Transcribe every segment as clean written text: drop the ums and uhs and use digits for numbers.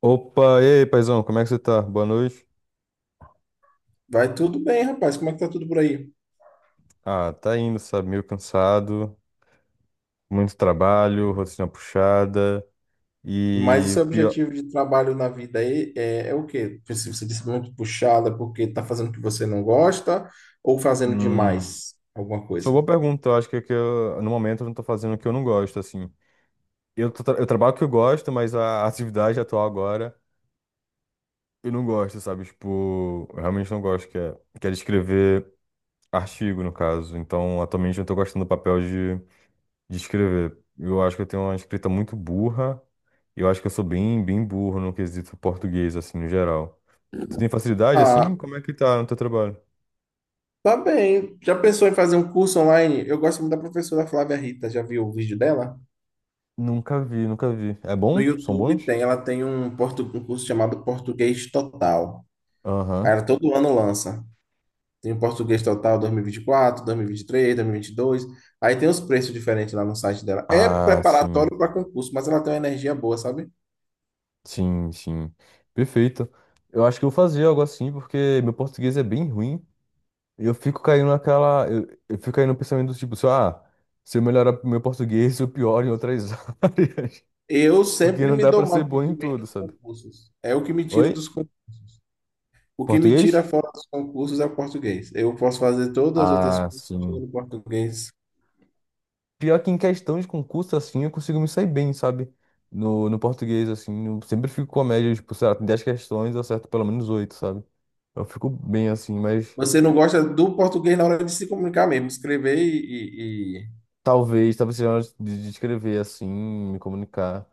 Opa, e aí, paizão, como é que você tá? Boa noite. Vai tudo bem, rapaz. Como é que tá tudo por aí? Ah, tá indo, sabe? Meio cansado, muito trabalho, rotina puxada Mas o e seu o pior. objetivo de trabalho na vida aí é o quê? Se você disse muito puxada porque tá fazendo o que você não gosta ou fazendo Hum, demais alguma só coisa? boa pergunta. Eu acho que, é que eu, no momento eu não tô fazendo o que eu não gosto, assim. Eu, eu trabalho o que eu gosto, mas a atividade atual agora eu não gosto, sabe? Tipo, eu realmente não gosto, que é de escrever artigo, no caso. Então, atualmente eu tô gostando do papel de escrever. Eu acho que eu tenho uma escrita muito burra. Eu acho que eu sou bem burro no quesito português, assim, no geral. Tu tem facilidade, Ah, assim? Como é que tá no teu trabalho? tá bem. Já pensou em fazer um curso online? Eu gosto muito da professora Flávia Rita. Já viu o vídeo dela? Nunca vi, nunca vi. É No bom? São YouTube bons? tem, ela tem um curso chamado Português Total. Aí Aham. ela todo ano lança. Tem o português total dois mil e vinte quatro, três, 2022. Aí tem os preços diferentes lá no site dela. É Ah, sim. preparatório para concurso, mas ela tem uma energia boa, sabe? Sim, sim. Perfeito. Eu acho que eu vou fazer algo assim, porque meu português é bem ruim. E eu fico caindo naquela. Eu fico caindo no pensamento do tipo, assim, ah, se eu melhorar meu português, eu pioro em outras áreas. Eu Porque sempre não me dá dou pra mal ser em bom em português tudo, nos sabe? concursos. É o que me tira dos Oi? concursos. O que me tira Português? fora dos concursos é o português. Eu posso fazer todas as outras Ah, coisas que chegam sim. no português. Pior que em questão de concurso, assim, eu consigo me sair bem, sabe? No português, assim, eu sempre fico com a média, tipo, sei lá, tem 10 questões, eu acerto pelo menos 8, sabe? Eu fico bem, assim, mas Você não gosta do português na hora de se comunicar mesmo, escrever e- e- talvez, talvez seja hora de escrever, assim, me comunicar.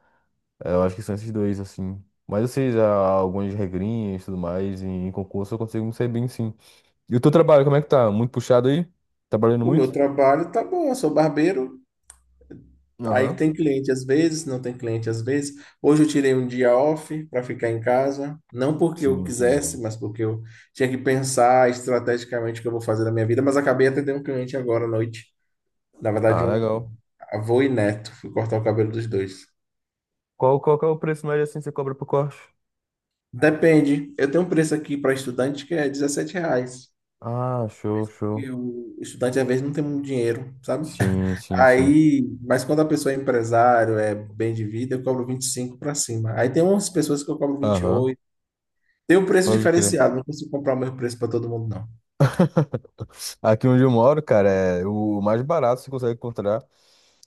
Eu acho que são esses dois, assim. Mas eu sei já algumas regrinhas e tudo mais, e em concurso eu consigo me sair bem, sim. E o teu trabalho, como é que tá? Muito puxado aí? Tá trabalhando O meu muito? trabalho tá bom, eu sou barbeiro. Aí Aham. tem cliente às vezes, não tem cliente às vezes. Hoje eu tirei um dia off para ficar em casa, não porque Sim, eu quisesse, entendi. mas porque eu tinha que pensar estrategicamente o que eu vou fazer na minha vida, mas acabei atendendo um cliente agora à noite. Na verdade, Ah, um legal. avô e neto, fui cortar o cabelo dos dois. Qual, qual que é o preço médio assim que você cobra pro corte? Depende. Eu tenho um preço aqui para estudante que é R$ reais. Ah, show, show. E o estudante às vezes não tem muito dinheiro, sabe? Sim, sim, sim. Aí, mas quando a pessoa é empresário, é bem de vida, eu cobro 25 para cima. Aí tem umas pessoas que eu cobro vinte e Aham, oito Tem um preço pode crer. diferenciado, não consigo comprar o mesmo preço para todo mundo, não. Aqui onde eu moro, cara, é o mais barato que você consegue encontrar.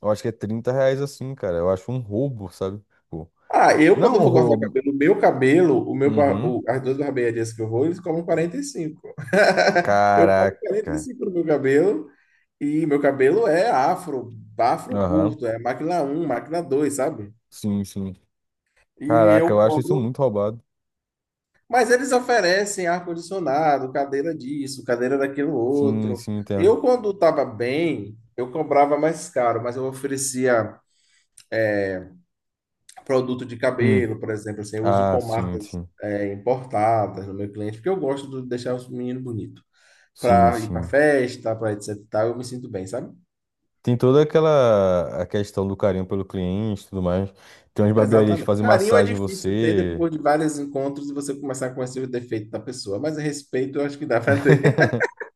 Eu acho que é R$ 30 assim, cara. Eu acho um roubo, sabe? Tipo, Ah, eu não quando um vou cortar o roubo. Cabelo, o meu Uhum. As duas barbearias que eu vou, eles cobram 45. Eu pago quarenta Caraca. e cinco no meu cabelo, e meu cabelo é afro, afro Aham. curto, é máquina um, máquina dois, sabe? Sim, sim. E Caraca, eu eu acho isso cobro, muito roubado. mas eles oferecem ar-condicionado, cadeira disso, cadeira daquilo Sim, outro. sim, Eu entendo. quando estava bem, eu cobrava mais caro, mas eu oferecia produto de Hum. cabelo, por exemplo, assim, eu uso Ah, sim, pomadas sim. é, importadas no meu cliente, porque eu gosto de deixar os meninos bonitos. Sim, Para ir para sim. festa, para etc. e tal, eu me sinto bem, sabe? Tem toda aquela a questão do carinho pelo cliente e tudo mais. Tem umas barbearias que Exatamente. fazem Carinho é massagem em difícil ter você. depois de vários encontros e você começar a conhecer o defeito da pessoa, mas respeito eu acho que dá para ter.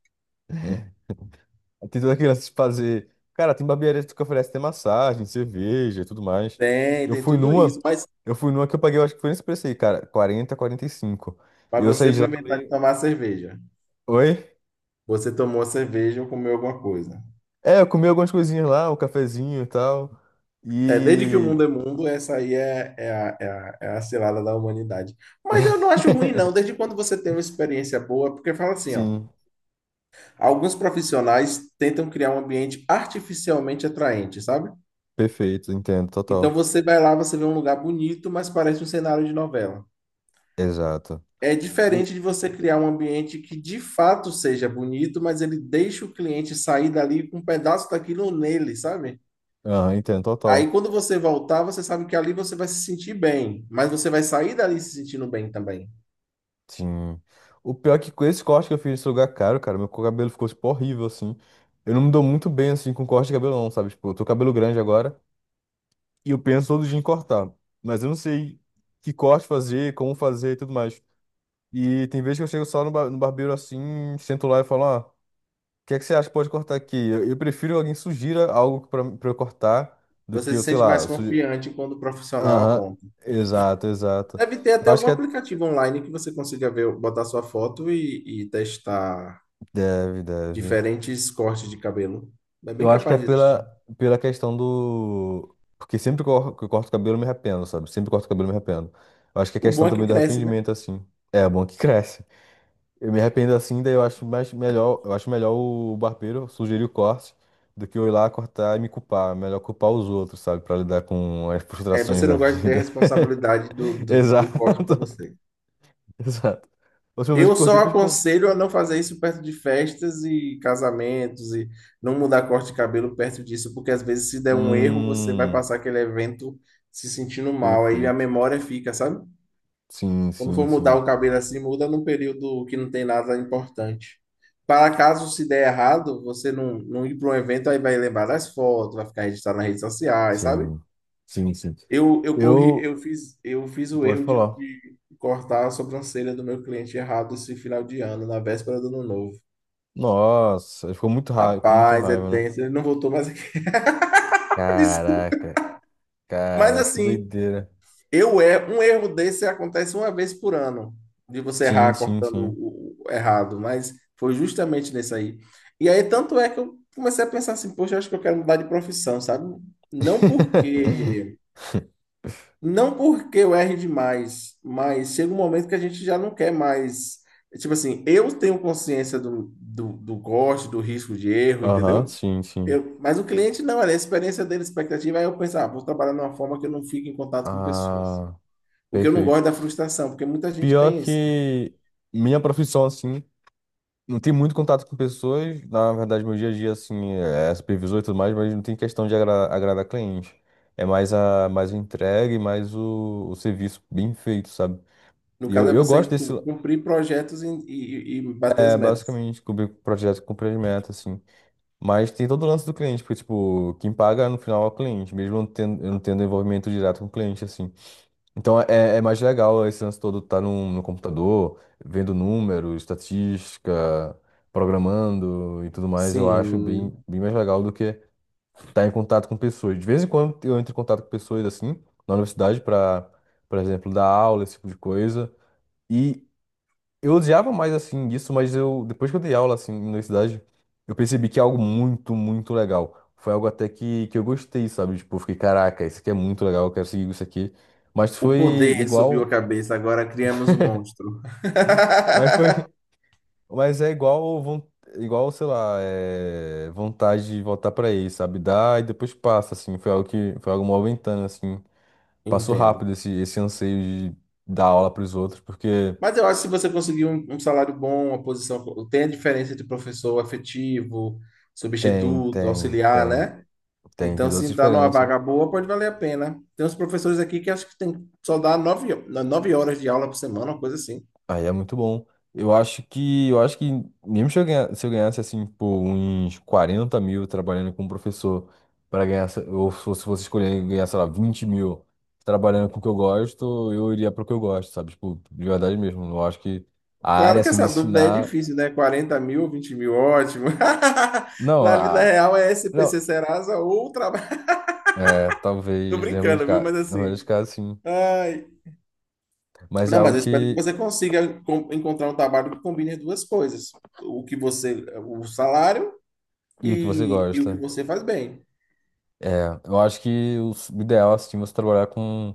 Tem toda aquela se fazer. Cara, tem barbearias que oferece até massagem, cerveja e tudo mais. Tem, Eu tem fui tudo numa, isso, mas, eu fui numa que eu paguei, eu acho que foi nesse preço aí, cara, 40, 45. E cinco. E mas eu saí você de foi lá inventar de meio. tomar cerveja. Oi? Você tomou a cerveja ou comeu alguma coisa. É, eu comi algumas coisinhas lá, um cafezinho e tal. É, desde que o E. mundo é mundo, essa aí é a cilada da humanidade. Mas eu não acho ruim, não, desde quando você tem uma experiência boa, porque fala assim, ó, Sim, alguns profissionais tentam criar um ambiente artificialmente atraente, sabe? perfeito, entendo, Então total. você vai lá, você vê um lugar bonito, mas parece um cenário de novela. Exato. É E... diferente de você criar um ambiente que de fato seja bonito, mas ele deixa o cliente sair dali com um pedaço daquilo nele, sabe? Ah, entendo, Aí total. quando você voltar, você sabe que ali você vai se sentir bem, mas você vai sair dali se sentindo bem também. Sim. O pior é que com esse corte que eu fiz esse lugar caro, cara, meu cabelo ficou, tipo, horrível, assim. Eu não me dou muito bem, assim, com corte de cabelo, não, sabe? Tipo, eu tô com cabelo grande agora e eu penso todo dia em cortar. Mas eu não sei que corte fazer, como fazer e tudo mais. E tem vezes que eu chego só no barbeiro, assim, sento lá e falo, ó, o que é que você acha que pode cortar aqui? Eu prefiro alguém sugira algo pra eu cortar do que Você eu, se sei sente mais lá, sugi... confiante quando o profissional Aham, aponta. exato, exato. Deve ter até Eu acho algum que é... aplicativo online que você consiga ver, botar sua foto e testar Deve, deve. diferentes cortes de cabelo. É bem Eu acho que é capaz de existir. pela questão do. Porque sempre que eu corto o cabelo, eu me arrependo, sabe? Sempre que eu corto o cabelo, eu me arrependo. Eu acho que é O questão bom é que também do cresce, né? arrependimento, assim. É bom que cresce. Eu me arrependo assim, daí eu acho melhor o barbeiro sugerir o corte do que eu ir lá cortar e me culpar. É melhor culpar os outros, sabe? Pra lidar com as É, frustrações você da não gosta de ter a vida. responsabilidade do Exato, corte para você. exato. A última vez que Eu só cortei foi tipo. Um- aconselho a não fazer isso perto de festas e casamentos e não mudar corte de cabelo perto disso, porque às vezes se der um erro, você vai Hum, passar aquele evento se sentindo mal, aí a perfeito. memória fica, sabe? Sim, Quando sim, for mudar o sim. cabelo assim, muda num período que não tem nada importante. Para caso se der errado, você não ir para um evento, aí vai lembrar das fotos, vai ficar registrado nas redes sociais, sabe? Sim, sim, sim. Eu, eu corri, Eu. eu fiz, eu fiz o Pode erro de, falar. de cortar a sobrancelha do meu cliente errado esse final de ano, na véspera do ano novo. Nossa, ele ficou muito raiva, com muita Rapaz, é raiva, né? tenso, ele não voltou mais aqui. Desculpa. Caraca, Mas cara, que assim, doideira. eu é um erro desse acontece uma vez por ano, de você Sim, errar sim, cortando sim. O errado, mas foi justamente nesse aí. E aí tanto é que eu comecei a pensar assim, poxa, eu acho que eu quero mudar de profissão, sabe? Não porque Não porque eu erre demais, mas chega um momento que a gente já não quer mais. Tipo assim, eu tenho consciência do gosto, do, risco de erro, Aham, entendeu? sim, sim. Eu, mas o cliente não, é a experiência dele, a expectativa, aí eu penso, ah, vou trabalhar de uma forma que eu não fique em contato com pessoas. Ah, Porque eu não perfeito. gosto da frustração, porque muita gente Pior tem isso. que minha profissão, assim, não tem muito contato com pessoas. Na verdade, meu dia a dia, assim, é supervisor e tudo mais, mas não tem questão de agradar cliente. É mais a entrega e mais o serviço bem feito, sabe? No E caso, eu, é eu você gosto desse, cumprir projetos e bater é, as metas. basicamente, cobrir projeto com meta assim. Mas tem todo o lance do cliente, porque, tipo, quem paga no final é o cliente, mesmo eu não tendo envolvimento direto com o cliente, assim. Então é, é mais legal esse lance todo estar tá no computador, vendo números, estatística, programando e tudo mais. Eu acho Sim, bem, bem mais legal do que estar tá em contato com pessoas. De vez em quando eu entro em contato com pessoas, assim, na universidade, para, por exemplo, dar aula, esse tipo de coisa. E, eu odiava mais assim isso, mas eu depois que eu dei aula assim na universidade, eu percebi que é algo muito, muito legal. Foi algo até que eu gostei, sabe? Tipo, eu fiquei, caraca, isso aqui é muito legal, eu quero seguir isso aqui. Mas o foi poder subiu a igual, cabeça, agora criamos um monstro. mas foi, mas é igual, von- igual, sei lá, é, vontade de voltar pra ele, sabe? Dá e depois passa assim. Foi algo que foi algo movimentando assim. Passou Entendo. rápido esse anseio de dar aula pros outros, porque Mas eu acho que se você conseguir um salário bom, uma posição, tem a diferença entre professor efetivo, tem, substituto, tem, auxiliar, tem, né? Tem Então, toda se essa entrar numa diferença. vaga boa, pode valer a pena. Tem uns professores aqui que acho que tem só dá nove, 9 horas de aula por semana, uma coisa assim. Aí é muito bom. Eu acho que mesmo se eu ganhasse, assim, pô, uns 40 mil trabalhando como professor, para ganhar, ou se fosse escolher ganhar, sei lá, 20 mil trabalhando com o que eu gosto, eu iria pro que eu gosto, sabe? Tipo, de verdade mesmo. Eu acho que a área, Claro que assim, de essa dúvida aí é ensinar. difícil, né? 40 mil, 20 mil, ótimo. Não, Na vida a... real é não. SPC Serasa ou trabalho. É, Tô talvez, em alguns brincando, viu? casos, Mas na maioria dos assim. casos, sim. Ai, Mas é não, mas algo eu espero que que. você consiga encontrar um trabalho que combine as duas coisas. O que você, o salário E o que você e o que gosta. você faz bem. É, eu acho que o ideal, assim, é você trabalhar com.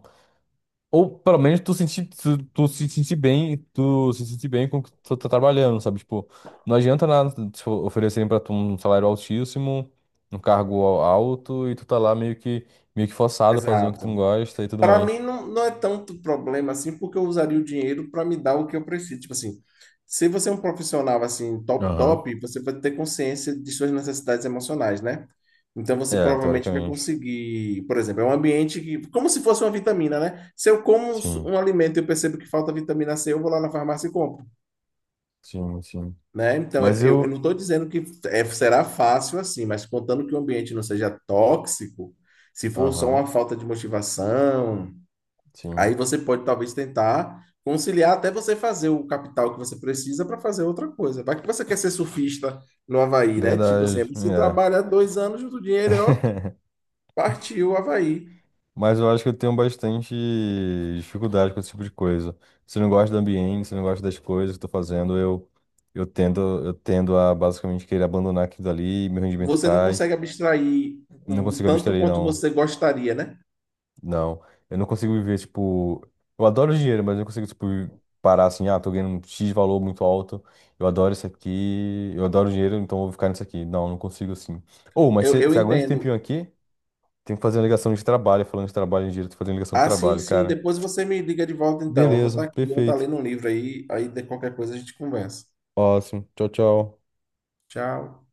Ou pelo menos tu sentir, tu se sentir bem, tu se sentir bem com o que tu tá trabalhando, sabe? Tipo, não adianta nada te oferecerem pra tu um salário altíssimo, um cargo alto, e tu tá lá meio que forçado fazendo o que tu não Exato. gosta e tudo Para mim mais. não, não é tanto problema assim, porque eu usaria o dinheiro para me dar o que eu preciso. Tipo assim, se você é um profissional assim top Aham. top, você vai ter consciência de suas necessidades emocionais, né? Então você É, provavelmente vai teoricamente. conseguir, por exemplo, é um ambiente que, como se fosse uma vitamina, né? Se eu como um Sim, um alimento e eu percebo que falta vitamina C, eu vou lá na farmácia e compro. sim, sim. Né? Então, eu, Mas eu eu não eu. estou dizendo que será fácil assim, mas contando que o ambiente não seja tóxico, se for só Aham, uma falta de motivação, aí sim. você pode talvez tentar conciliar até você fazer o capital que você precisa para fazer outra coisa. Vai que você quer ser surfista no Havaí, né? Tipo assim, Verdade. você É. trabalha 2 anos junto o dinheiro, e, ó, partiu o Havaí. Mas eu acho que eu tenho bastante dificuldade com esse tipo de coisa. Se eu não gosto do ambiente, se eu não gosto das coisas que eu tô fazendo, eu tendo a basicamente querer abandonar aquilo ali, meu rendimento Você não cai. consegue abstrair Não o consigo tanto abstrair, quanto não. você gostaria, né? Não. Eu não consigo viver, tipo. Eu adoro dinheiro, mas eu não consigo, tipo, parar assim, ah, tô ganhando um X valor muito alto. Eu adoro isso aqui, eu adoro dinheiro, então eu vou ficar nisso aqui. Não, não consigo assim. Ou, mas Eu você aguenta um tempinho entendo. aqui? Tem que fazer uma ligação de trabalho, falando de trabalho em dinheiro, tem que fazer uma ligação de Ah, sim, trabalho, sim. cara. Depois você me liga de volta, então. Eu vou Beleza, estar aqui, eu vou estar perfeito. lendo um livro aí, aí de qualquer coisa a gente conversa. Ótimo. Tchau, tchau. Tchau.